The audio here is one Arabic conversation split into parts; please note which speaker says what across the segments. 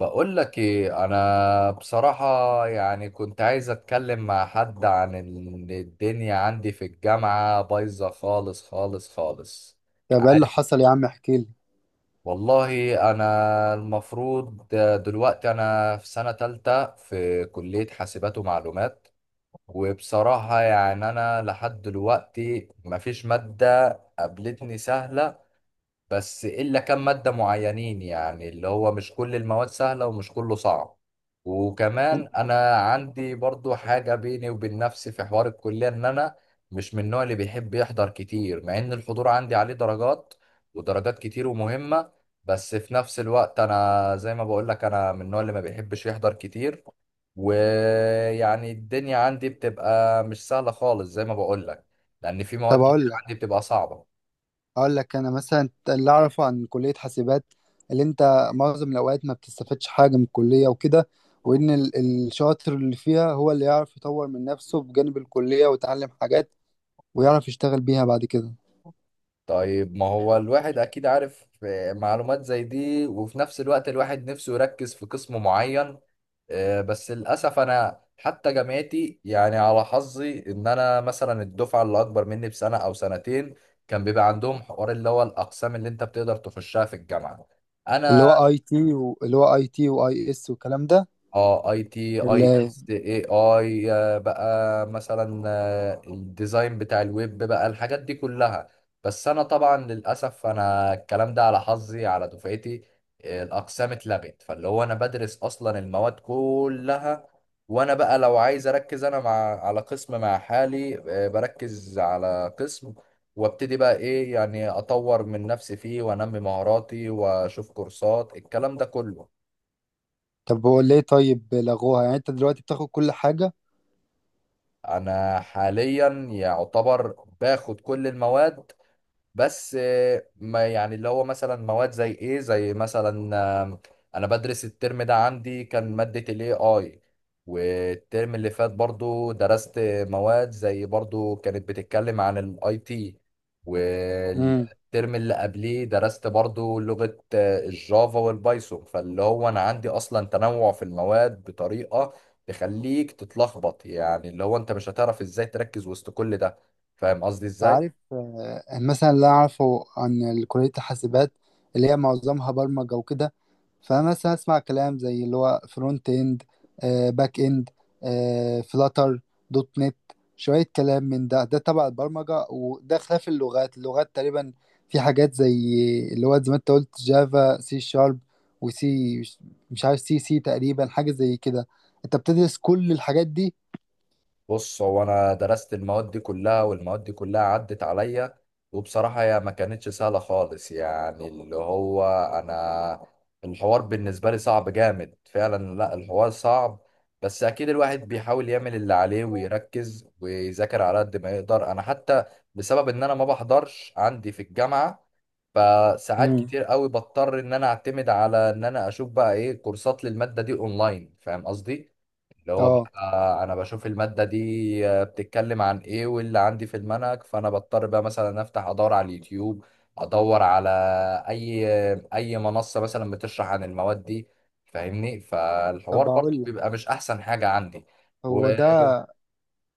Speaker 1: بقول لك ايه انا بصراحة. يعني كنت عايز اتكلم مع حد عن ان الدنيا عندي في الجامعة بايظة خالص خالص خالص.
Speaker 2: طب ايه اللي
Speaker 1: عاد-
Speaker 2: حصل يا عم؟ احكي لي.
Speaker 1: والله انا المفروض دلوقتي انا في سنة تالتة في كلية حاسبات ومعلومات. وبصراحة يعني انا لحد دلوقتي مفيش مادة قابلتني سهلة، بس إلا كم مادة معينين يعني اللي هو مش كل المواد سهلة ومش كله صعب. وكمان أنا عندي برضو حاجة بيني وبين نفسي في حوار الكلية إن أنا مش من النوع اللي بيحب يحضر كتير، مع إن الحضور عندي عليه درجات ودرجات كتير ومهمة. بس في نفس الوقت أنا زي ما بقولك أنا من النوع اللي ما بيحبش يحضر كتير، ويعني الدنيا عندي بتبقى مش سهلة خالص زي ما بقولك، لأن في
Speaker 2: طب
Speaker 1: مواد كتير
Speaker 2: اقول لك
Speaker 1: عندي بتبقى صعبة.
Speaker 2: اقول لك انا مثلا اللي اعرفه عن كليه حاسبات، اللي انت معظم الاوقات ما بتستفادش حاجه من الكليه وكده، وان الشاطر اللي فيها هو اللي يعرف يطور من نفسه بجانب الكليه ويتعلم حاجات ويعرف يشتغل بيها بعد كده.
Speaker 1: طيب ما هو الواحد اكيد عارف معلومات زي دي، وفي نفس الوقت الواحد نفسه يركز في قسم معين. بس للاسف انا حتى جامعتي يعني على حظي ان انا مثلا الدفعه اللي اكبر مني بسنه او سنتين كان بيبقى عندهم حوار اللي هو الاقسام اللي انت بتقدر تخشها في الجامعه.
Speaker 2: اللي
Speaker 1: انا
Speaker 2: هو اي تي اللي هو اي تي واي اس والكلام ده.
Speaker 1: اه اي تي اي
Speaker 2: اللي
Speaker 1: اس اي اي بقى مثلا الديزاين بتاع الويب بقى الحاجات دي كلها. بس انا طبعا للاسف انا الكلام ده على حظي على دفعتي، الاقسام اتلغت فاللي هو انا بدرس اصلا المواد كلها. وانا بقى لو عايز اركز انا مع على قسم مع حالي، بركز على قسم وابتدي بقى ايه يعني اطور من نفسي فيه وانمي مهاراتي واشوف كورسات الكلام ده كله.
Speaker 2: طب هو ليه طيب لغوها؟ يعني انت دلوقتي بتاخد كل حاجه؟
Speaker 1: انا حاليا يعتبر باخد كل المواد، بس ما يعني اللي هو مثلا مواد زي ايه زي مثلا، آم، انا بدرس الترم ده عندي كان مادة الاي اي، والترم اللي فات برضو درست مواد زي برضو كانت بتتكلم عن الاي تي. والترم اللي قبليه درست برضو لغة الجافا والبايثون، فاللي هو انا عندي اصلا تنوع في المواد بطريقة تخليك تتلخبط، يعني اللي هو انت مش هتعرف ازاي تركز وسط كل ده. فاهم قصدي ازاي؟
Speaker 2: تعرف، مثلا اللي أنا أعرفه عن كلية الحاسبات اللي هي معظمها برمجة وكده، فمثلا أسمع كلام زي اللي هو فرونت إند، باك إند، فلاتر، دوت نت، شوية كلام من ده. ده تبع البرمجة وده خلاف اللغات. اللغات تقريبا في حاجات زي اللي هو زي ما أنت قلت جافا، سي شارب، وسي، مش عارف، سي سي تقريبا حاجة زي كده. أنت بتدرس كل الحاجات دي؟
Speaker 1: بص هو انا درست المواد دي كلها والمواد دي كلها عدت عليا، وبصراحة هي ما كانتش سهلة خالص يعني اللي هو انا الحوار بالنسبة لي صعب جامد فعلا، لا الحوار صعب. بس اكيد الواحد بيحاول يعمل اللي عليه ويركز ويذاكر على قد ما يقدر. انا حتى بسبب ان انا ما بحضرش عندي في الجامعة، فساعات
Speaker 2: امم.
Speaker 1: كتير قوي بضطر ان انا اعتمد على ان انا اشوف بقى ايه كورسات للمادة دي اونلاين، فاهم قصدي. اللي هو
Speaker 2: اه.
Speaker 1: بقى انا بشوف المادة دي بتتكلم عن ايه واللي عندي في المنهج، فانا بضطر بقى مثلا افتح ادور على اليوتيوب، ادور على اي اي منصة مثلا بتشرح عن المواد دي، فاهمني. فالحوار
Speaker 2: طب
Speaker 1: برضه
Speaker 2: اقول لك،
Speaker 1: بيبقى مش احسن حاجة عندي. و...
Speaker 2: هو ده،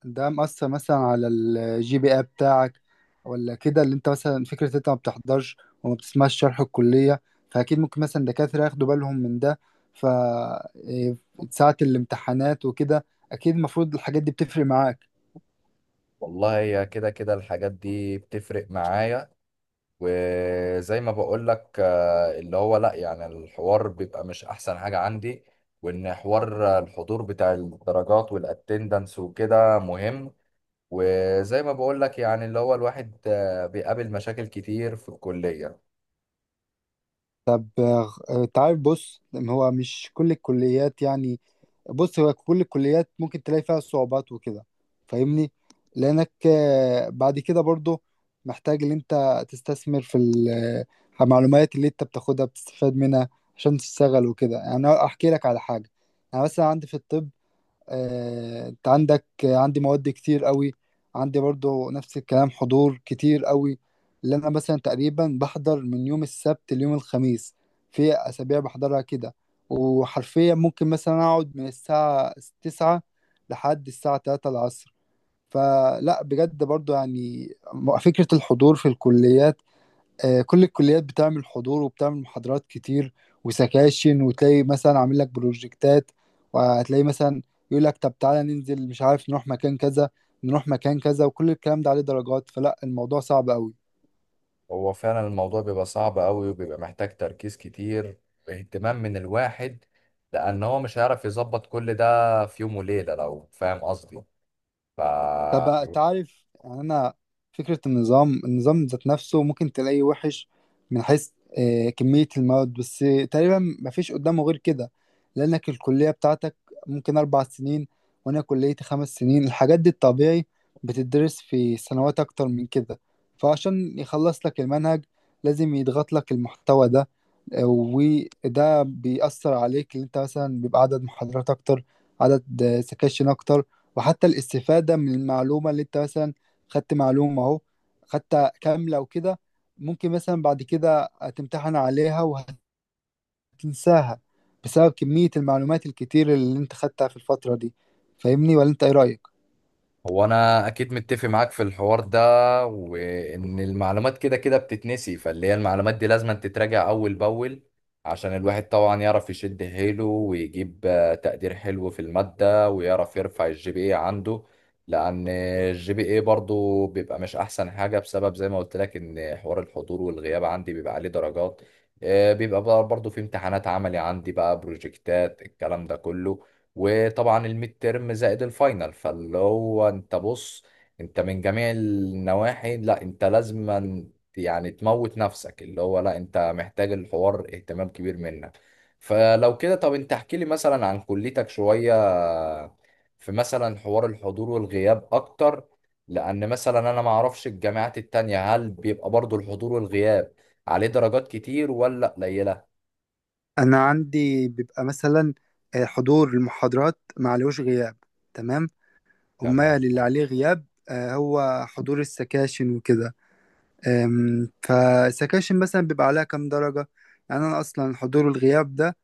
Speaker 2: ده مأثر مثلا على الجي بي اي بتاعك ولا كده؟ اللي انت مثلا فكرة انت ما بتحضرش وما بتسمعش شرح الكلية، فأكيد ممكن مثلا دكاترة ياخدوا بالهم من ده. ف إيه، ساعة الامتحانات وكده أكيد المفروض الحاجات دي بتفرق معاك.
Speaker 1: والله هي كده كده الحاجات دي بتفرق معايا. وزي ما بقول لك اللي هو لا يعني الحوار بيبقى مش احسن حاجة عندي، وان حوار الحضور بتاع الدرجات والاتندنس وكده مهم. وزي ما بقول لك يعني اللي هو الواحد بيقابل مشاكل كتير في الكلية.
Speaker 2: طب انت عارف، بص هو مش كل الكليات، يعني بص هو كل الكليات ممكن تلاقي فيها صعوبات وكده، فاهمني؟ لانك بعد كده برضو محتاج ان انت تستثمر في المعلومات اللي انت بتاخدها بتستفاد منها عشان تشتغل وكده. يعني أنا احكي لك على حاجة. انا مثلا عندي في الطب، انت عندك، عندي مواد كتير قوي، عندي برضو نفس الكلام، حضور كتير قوي. اللي انا مثلا تقريبا بحضر من يوم السبت ليوم الخميس، في اسابيع بحضرها كده، وحرفيا ممكن مثلا اقعد من الساعة 9 لحد الساعة 3 العصر. فلا بجد برضو يعني فكرة الحضور في الكليات، كل الكليات بتعمل حضور وبتعمل محاضرات كتير وسكاشن، وتلاقي مثلا عامل لك بروجكتات، وهتلاقي مثلا يقول لك طب تعالى ننزل، مش عارف، نروح مكان كذا، نروح مكان كذا، وكل الكلام ده عليه درجات. فلا الموضوع صعب قوي.
Speaker 1: هو فعلا الموضوع بيبقى صعب قوي وبيبقى محتاج تركيز كتير واهتمام من الواحد، لان هو مش هيعرف يظبط كل ده في يوم وليلة لو فاهم قصدي. ف
Speaker 2: طب تعرف يعني انا فكره النظام ذات نفسه ممكن تلاقيه وحش من حيث كميه المواد بس. تقريبا مفيش قدامه غير كده، لانك الكليه بتاعتك ممكن 4 سنين وانا كليتي 5 سنين. الحاجات دي الطبيعي بتدرس في سنوات اكتر من كده، فعشان يخلص لك المنهج لازم يضغط لك المحتوى ده، وده بيأثر عليك اللي انت مثلا بيبقى عدد محاضرات اكتر، عدد سكاشن اكتر. وحتى الاستفادة من المعلومة اللي انت مثلا خدت معلومة اهو خدتها كاملة وكده، ممكن مثلا بعد كده تمتحن عليها وهتنساها بسبب كمية المعلومات الكتير اللي انت خدتها في الفترة دي. فاهمني ولا انت ايه رأيك؟
Speaker 1: هو انا اكيد متفق معاك في الحوار ده، وان المعلومات كده كده بتتنسي، فاللي هي المعلومات دي لازم تتراجع اول باول عشان الواحد طبعا يعرف يشد حيله ويجيب تقدير حلو في المادة ويعرف يرفع الجي بي اي عنده. لان الجي بي اي برضو بيبقى مش احسن حاجة بسبب زي ما قلت لك ان حوار الحضور والغياب عندي بيبقى عليه درجات. بيبقى برضو في امتحانات عملي عندي بقى بروجكتات الكلام ده كله، وطبعا الميد تيرم زائد الفاينل. فاللي هو انت بص، انت من جميع النواحي لا انت لازما يعني تموت نفسك، اللي هو لا انت محتاج الحوار اهتمام كبير منك. فلو كده طب انت احكي لي مثلا عن كليتك شوية، في مثلا حوار الحضور والغياب اكتر، لان مثلا انا ما اعرفش الجامعات التانية هل بيبقى برضو الحضور والغياب عليه درجات كتير ولا قليلة.
Speaker 2: انا عندي بيبقى مثلا حضور المحاضرات معلوش غياب، تمام.
Speaker 1: تمام
Speaker 2: أمال اللي
Speaker 1: اه.
Speaker 2: عليه غياب هو حضور السكاشن وكده. فسكاشن مثلا بيبقى عليها كام درجة. يعني أنا أصلا حضور الغياب ده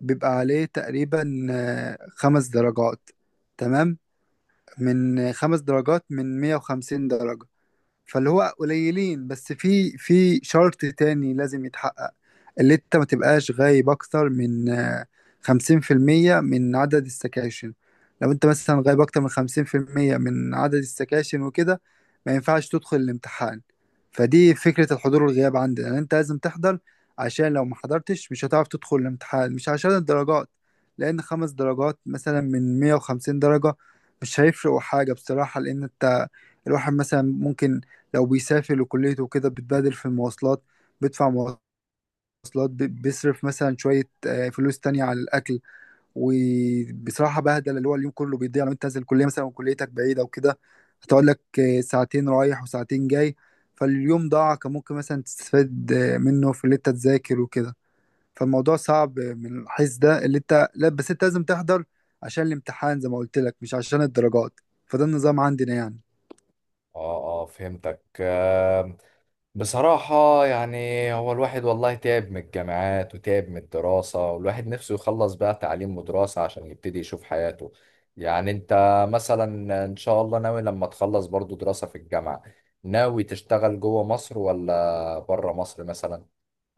Speaker 2: بيبقى عليه تقريبا 5 درجات، تمام، من 5 درجات من 150 درجة. فاللي هو قليلين، بس في شرط تاني لازم يتحقق، اللي انت ما تبقاش غايب اكتر من 50% من عدد السكاشن. لو انت مثلا غايب اكتر من 50% من عدد السكاشن وكده ما ينفعش تدخل الامتحان. فدي فكرة الحضور والغياب عندنا، يعني انت لازم تحضر عشان لو ما حضرتش مش هتعرف تدخل الامتحان، مش عشان الدرجات. لان 5 درجات مثلا من 150 درجة مش هيفرقوا حاجة بصراحة. لان انت، الواحد مثلا ممكن لو بيسافر لكليته وكده بتبادل في المواصلات، بيدفع مواصلات، بيصرف مثلا شوية فلوس تانية على الأكل. وبصراحة بهدل، اللي هو اليوم كله بيضيع لو أنت نازل الكلية مثلا وكليتك بعيدة وكده هتقعد لك ساعتين رايح وساعتين جاي. فاليوم ضاع، كان ممكن مثلا تستفاد منه في اللي أنت تذاكر وكده. فالموضوع صعب من الحيث ده، اللي أنت لا بس أنت لازم تحضر عشان الامتحان زي ما قلت لك، مش عشان الدرجات. فده النظام عندنا يعني.
Speaker 1: اه فهمتك. بصراحة يعني هو الواحد والله تعب من الجامعات وتعب من الدراسة، والواحد نفسه يخلص بقى تعليم ودراسة عشان يبتدي يشوف حياته. يعني انت مثلا ان شاء الله ناوي لما تخلص برضو دراسة في الجامعة، ناوي تشتغل جوه مصر ولا بره مصر مثلا؟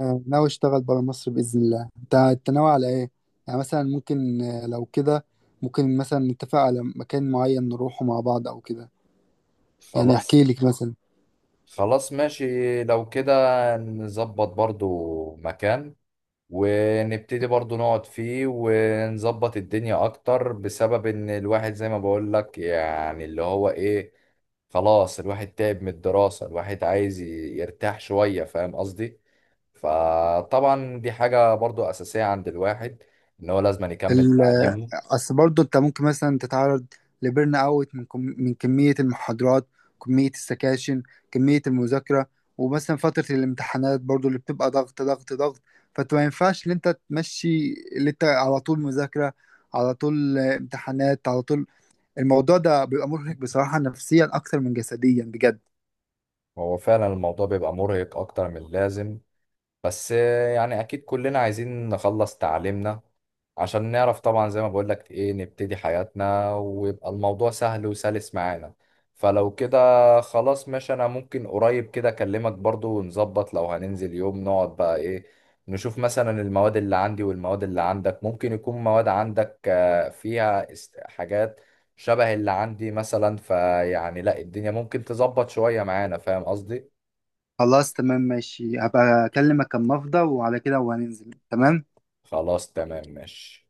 Speaker 2: ناوي اشتغل برا مصر باذن الله. أنت ناوي على ايه؟ يعني مثلا ممكن لو كده ممكن مثلا نتفق على مكان معين نروحه مع بعض او كده. يعني
Speaker 1: خلاص.
Speaker 2: احكي لك مثلا
Speaker 1: خلاص ماشي لو كده، نظبط برضو مكان ونبتدي برضو نقعد فيه ونظبط الدنيا اكتر، بسبب ان الواحد زي ما بقول لك يعني اللي هو ايه، خلاص الواحد تعب من الدراسة، الواحد عايز يرتاح شوية فاهم قصدي. فطبعا دي حاجة برضو اساسية عند الواحد ان هو لازم يكمل
Speaker 2: ال-
Speaker 1: تعليمه.
Speaker 2: اصل برضه انت ممكن مثلا تتعرض لبرن اوت من من كميه المحاضرات، كميه السكاشن، كميه المذاكره. ومثلا فتره الامتحانات برضه اللي بتبقى ضغط ضغط ضغط، فانت ما ينفعش ان انت تمشي اللي انت على طول مذاكره، على طول امتحانات، على طول. الموضوع ده بيبقى مرهق بصراحة نفسيا أكتر من جسديا بجد.
Speaker 1: هو فعلا الموضوع بيبقى مرهق اكتر من اللازم، بس يعني اكيد كلنا عايزين نخلص تعليمنا عشان نعرف طبعا زي ما بقولك ايه نبتدي حياتنا ويبقى الموضوع سهل وسلس معانا. فلو كده خلاص ماشي، انا ممكن قريب كده اكلمك برضو ونظبط لو هننزل يوم نقعد بقى ايه، نشوف مثلا المواد اللي عندي والمواد اللي عندك، ممكن يكون مواد عندك فيها حاجات شبه اللي عندي مثلا، فيعني لا الدنيا ممكن تظبط شوية معانا فاهم قصدي.
Speaker 2: خلاص تمام ماشي، هبقى أكلمك أما أفضى وعلى كده وهننزل، تمام.
Speaker 1: خلاص تمام ماشي.